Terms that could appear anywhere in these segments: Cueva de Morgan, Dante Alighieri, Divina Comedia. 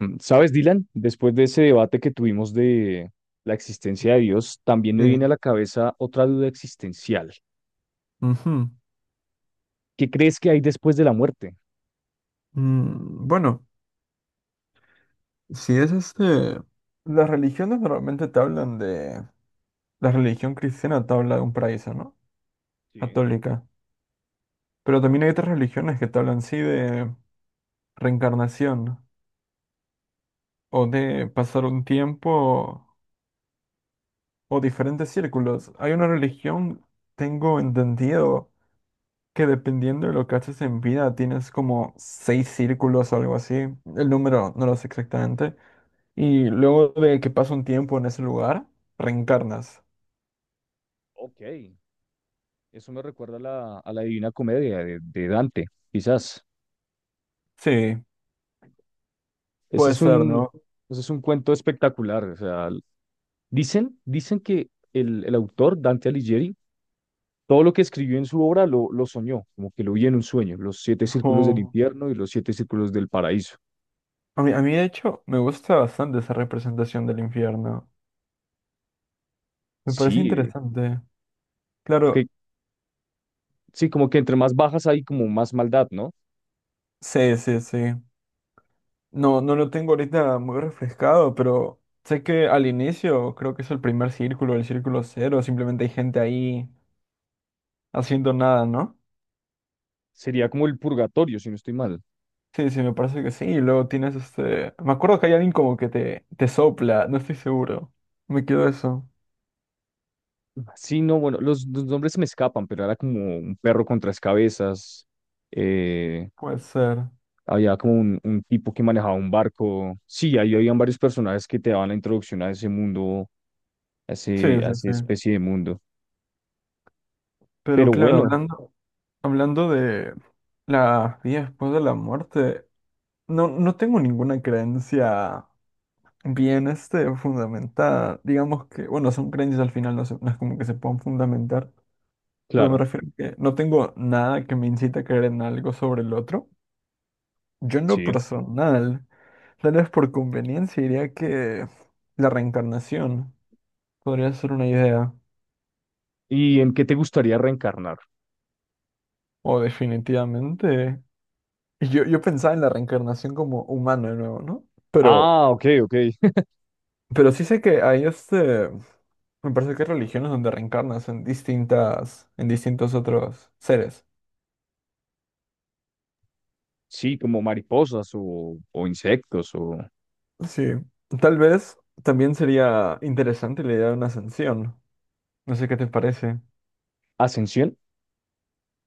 ¿Sabes, Dylan? Después de ese debate que tuvimos de la existencia de Dios, también me viene a Sí. la cabeza otra duda existencial. Ujú. ¿Qué crees que hay después de la muerte? Bueno, si es las religiones normalmente te hablan de... La religión cristiana te habla de un paraíso, ¿no? Sí, Católica. Pero también hay otras religiones que te hablan, sí, de reencarnación, o de pasar un tiempo o diferentes círculos. Hay una religión, tengo entendido, que dependiendo de lo que haces en vida, tienes como seis círculos o algo así. El número no lo sé exactamente. Y luego de que pasa un tiempo en ese lugar, reencarnas. ok. Eso me recuerda a la Divina Comedia de Dante, quizás. Sí, Ese puede es ser, un, ¿no? Ese es un cuento espectacular. O sea, dicen que el autor, Dante Alighieri, todo lo que escribió en su obra lo soñó, como que lo vi en un sueño, los siete círculos del O- infierno y los siete círculos del paraíso. a mí, de hecho, me gusta bastante esa representación del infierno. Me parece Sí, interesante. porque. Claro, Sí, como que entre más bajas hay como más maldad, ¿no? sí, sí, sí. No, no lo tengo ahorita muy refrescado, pero sé que al inicio creo que es el primer círculo, el círculo cero. Simplemente hay gente ahí haciendo nada, ¿no? Sería como el purgatorio, si no estoy mal. Sí, sí, me parece que sí. Y luego tienes me acuerdo que hay alguien como que te sopla, no estoy seguro. Me quedo eso. Sí, no, bueno, los nombres se me escapan, pero era como un perro con tres cabezas. eh, Puede ser. Había como un tipo que manejaba un barco. Sí, ahí habían varios personajes que te daban la introducción a ese mundo, Sí, a sí, esa sí. especie de mundo. Pero Pero claro, bueno, hablando de la vida después de la muerte, no, no tengo ninguna creencia bien fundamentada. Digamos que, bueno, son creencias al final, no, no es como que se puedan fundamentar, pero me claro, refiero a que no tengo nada que me incite a creer en algo sobre el otro. Yo en lo sí. personal, tal vez por conveniencia, diría que la reencarnación podría ser una idea, ¿Y en qué te gustaría reencarnar? o definitivamente. Yo pensaba en la reencarnación como humano de nuevo, ¿no? Pero, Ah, ok, ok. pero sí sé que hay me parece que hay religiones donde reencarnas en en distintos otros seres. Sí, como mariposas o insectos o Sí. Tal vez también sería interesante la idea de una ascensión. No sé qué te parece. ascensión.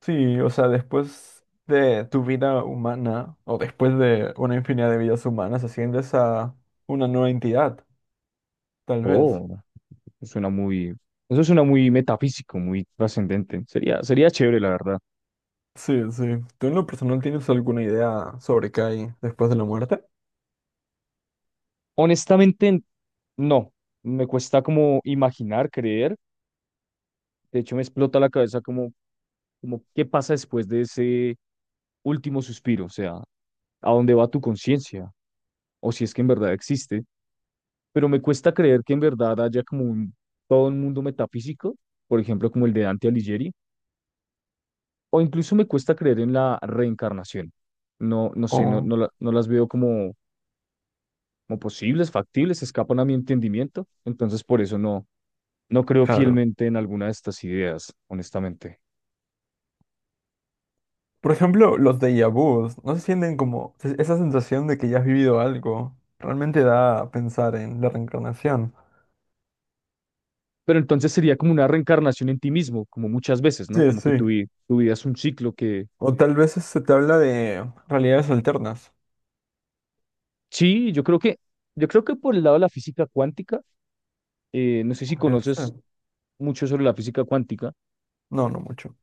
Sí, o sea, después de tu vida humana o después de una infinidad de vidas humanas, asciendes a una nueva entidad, tal vez. Oh. Suena muy, Eso suena muy metafísico, muy trascendente. Sería, sería chévere, la verdad. Sí, sí. ¿Tú en lo personal tienes alguna idea sobre qué hay después de la muerte? Honestamente, no. Me cuesta como imaginar, creer. De hecho, me explota la cabeza como qué pasa después de ese último suspiro, o sea, a dónde va tu conciencia, o si es que en verdad existe. Pero me cuesta creer que en verdad haya todo un mundo metafísico, por ejemplo, como el de Dante Alighieri, o incluso me cuesta creer en la reencarnación. No, no sé, no, O, no, no las veo como posibles, factibles, escapan a mi entendimiento. Entonces, por eso no creo claro. fielmente en alguna de estas ideas, honestamente. Por ejemplo, los déjà vus, ¿no se sienten como esa sensación de que ya has vivido algo? Realmente da a pensar en la reencarnación. Pero entonces sería como una reencarnación en ti mismo, como muchas veces, ¿no? Sí, Como que sí. Tu vida es un ciclo que... O tal vez se te habla de realidades alternas. Sí, yo creo que por el lado de la física cuántica, no sé si Podría ser. conoces mucho sobre la física cuántica, No, no mucho.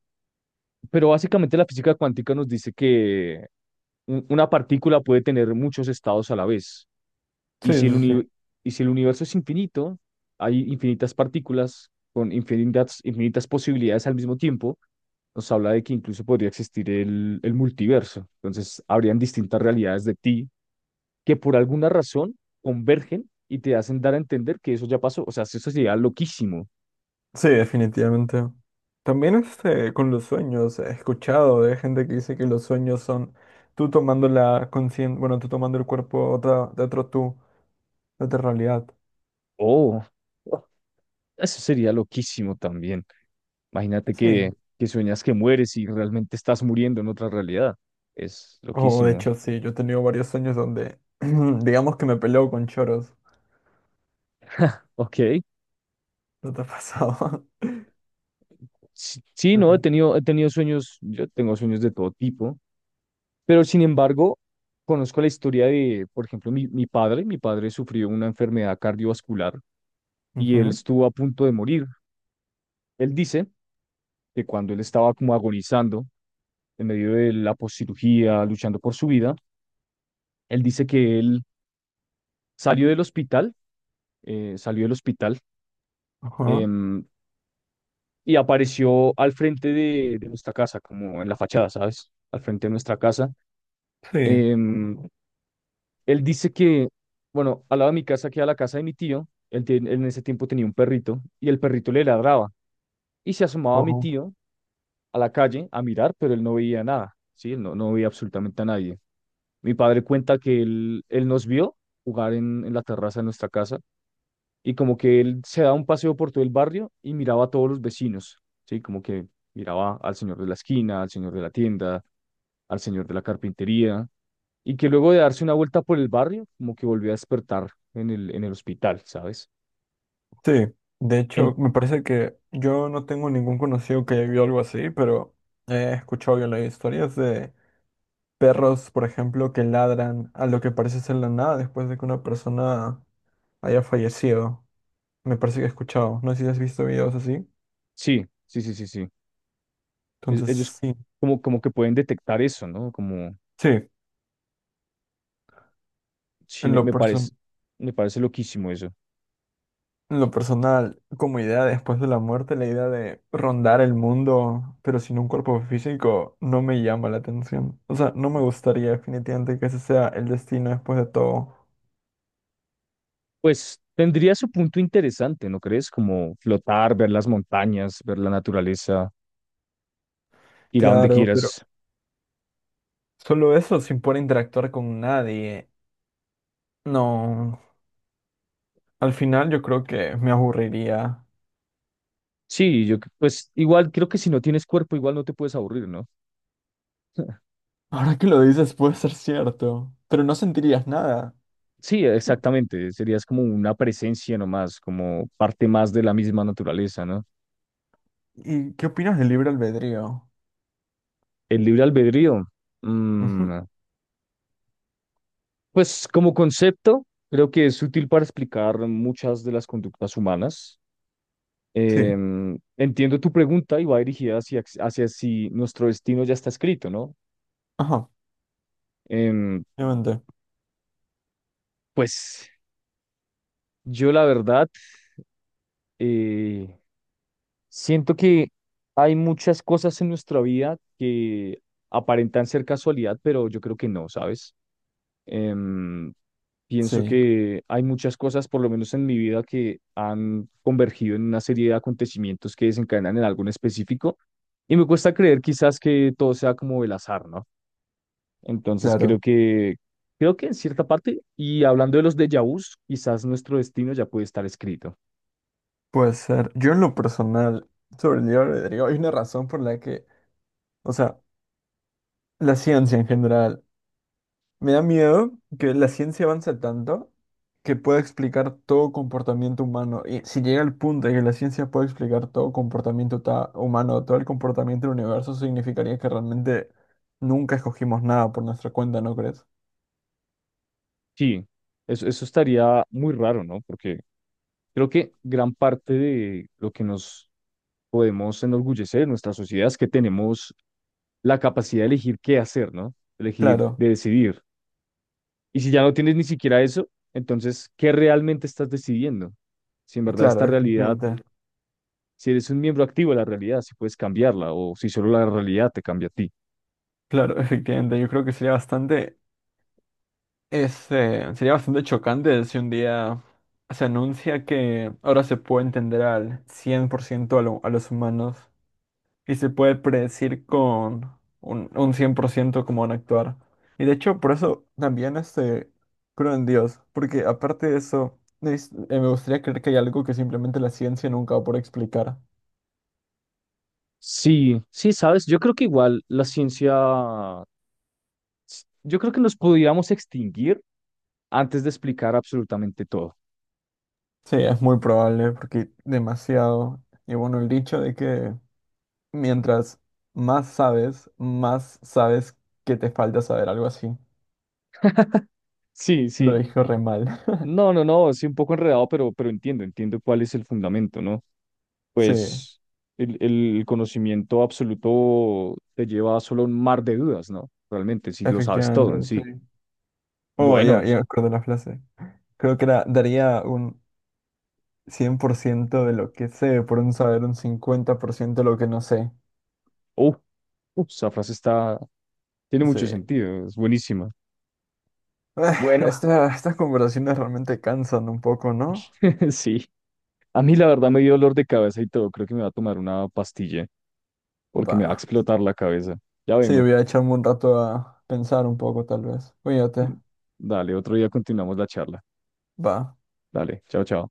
pero básicamente la física cuántica nos dice que una partícula puede tener muchos estados a la vez. Y Sí, si el sí, sí. uni- y si el universo es infinito, hay infinitas partículas con infinitas, infinitas posibilidades al mismo tiempo, nos habla de que incluso podría existir el multiverso. Entonces, habrían distintas realidades de ti que por alguna razón convergen y te hacen dar a entender que eso ya pasó. O sea, eso sería loquísimo. Sí, definitivamente. También con los sueños, he escuchado de gente que dice que los sueños son tú tomando la conciencia, bueno, tú tomando el cuerpo de de otro tú, de otra realidad. Oh, eso sería loquísimo también. Imagínate Sí. Que sueñas que mueres y realmente estás muriendo en otra realidad. Es O de loquísimo. hecho, sí, yo he tenido varios sueños donde, digamos que me peleo con choros. Ok. ¿No te ha pasado? Sí, sí, no, Pero... he tenido sueños, yo tengo sueños de todo tipo, pero sin embargo, conozco la historia de, por ejemplo, mi padre. Mi padre sufrió una enfermedad cardiovascular y él ujú, estuvo a punto de morir. Él dice que cuando él estaba como agonizando en medio de la poscirugía, luchando por su vida, él dice que él salió del hospital, salió del hospital, ajá, em, y apareció al frente de nuestra casa, como en la fachada, ¿sabes? Al frente de nuestra casa. sí. em, Él dice que, bueno, al lado de mi casa queda la casa de mi tío. Él en ese tiempo tenía un perrito y el perrito le ladraba y se asomaba a mi O- tío a la calle a mirar, pero él no veía nada, ¿sí? Él no veía absolutamente a nadie. Mi padre cuenta que él nos vio jugar en la terraza de nuestra casa y como que él se daba un paseo por todo el barrio y miraba a todos los vecinos, ¿sí? Como que miraba al señor de la esquina, al señor de la tienda, al señor de la carpintería y que luego de darse una vuelta por el barrio, como que volvió a despertar en en el hospital, ¿sabes? sí. De hecho, En, me parece que yo no tengo ningún conocido que haya vivido algo así, pero he escuchado yo las historias de perros, por ejemplo, que ladran a lo que parece ser la nada después de que una persona haya fallecido. Me parece que he escuchado. No sé si has visto videos así. sí, sí, sí, sí, sí. Entonces, Ellos sí. Como que pueden detectar eso, ¿no? Como, Sí, sí, en lo person- me parece loquísimo eso. en lo personal, como idea después de la muerte, la idea de rondar el mundo, pero sin un cuerpo físico, no me llama la atención. O sea, no me gustaría definitivamente que ese sea el destino después de todo. Pues tendría su punto interesante, ¿no crees? Como flotar, ver las montañas, ver la naturaleza, ir a donde Claro, pero quieras. solo eso sin poder interactuar con nadie. No. Al final yo creo que me aburriría. Sí, yo pues igual creo que si no tienes cuerpo, igual no te puedes aburrir, ¿no? Ahora que lo dices puede ser cierto, pero no sentirías nada. Sí, exactamente. Serías como una presencia nomás, como parte más de la misma naturaleza, ¿no? ¿Y qué opinas del libre albedrío? El libre albedrío. Ujú, mm, pues como concepto, creo que es útil para explicar muchas de las conductas humanas. sí. Entiendo tu pregunta y va dirigida hacia si nuestro destino ya está escrito, ¿no? Ajá, Em, obviamente. pues yo la verdad eh, siento que hay muchas cosas en nuestra vida que aparentan ser casualidad, pero yo creo que no, ¿sabes? Em, Pienso Sí, que hay muchas cosas, por lo menos en mi vida, que han convergido en una serie de acontecimientos que desencadenan en algo en específico. Y me cuesta creer quizás que todo sea como el azar, ¿no? Entonces claro. Creo que en cierta parte, y hablando de los déjà vus, quizás nuestro destino ya puede estar escrito. Puede ser. Yo en lo personal, sobre el libre albedrío, hay una razón por la que, o sea, la ciencia en general me da miedo, que la ciencia avance tanto que pueda explicar todo comportamiento humano. Y si llega el punto de que la ciencia pueda explicar todo comportamiento humano, todo el comportamiento del universo, significaría que realmente nunca escogimos nada por nuestra cuenta, ¿no crees? Sí, eso estaría muy raro, ¿no? Porque creo que gran parte de lo que nos podemos enorgullecer en nuestra sociedad es que tenemos la capacidad de elegir qué hacer, ¿no? Elegir, Claro, de decidir. Y si ya no tienes ni siquiera eso, entonces, ¿qué realmente estás decidiendo? Si en verdad claro, esta realidad, efectivamente. si eres un miembro activo de la realidad, si puedes cambiarla o si solo la realidad te cambia a ti. Claro, efectivamente. Yo creo que sería bastante, sería bastante chocante si un día se anuncia que ahora se puede entender al 100% a los humanos. Y se puede predecir con un 100% cómo van a actuar. Y de hecho, por eso también creo en Dios, porque aparte de eso, me gustaría creer que hay algo que simplemente la ciencia nunca va a poder explicar. Sí, sí, sabes, yo creo que igual la ciencia, yo creo que nos pudiéramos extinguir antes de explicar absolutamente todo. Sí, es muy probable, porque demasiado. Y bueno, el dicho de que mientras más sabes que te falta saber, algo así. Sí, Lo sí. dijo re mal. No, no, no, sí, un poco enredado, pero entiendo cuál es el fundamento, ¿no? Sí, Pues el, el conocimiento absoluto te lleva solo a un mar de dudas, ¿no? Realmente, si lo sabes todo en efectivamente, sí. sí. Oh, Bueno, ya, ya me acuerdo la frase. Creo que era, daría un 100% de lo que sé, por un saber un 50% de lo que no sé. uh, esa frase está, tiene Sí. mucho sentido, es buenísima. Ah, Bueno, estas conversaciones realmente cansan un poco, ¿no? sí. A mí la verdad me dio dolor de cabeza y todo. Creo que me va a tomar una pastilla porque me va a Va. explotar la cabeza. Ya Sí, vengo. voy a echarme un rato a pensar un poco, tal vez. Cuídate. Dale, otro día continuamos la charla. Va. Dale, chao, chao.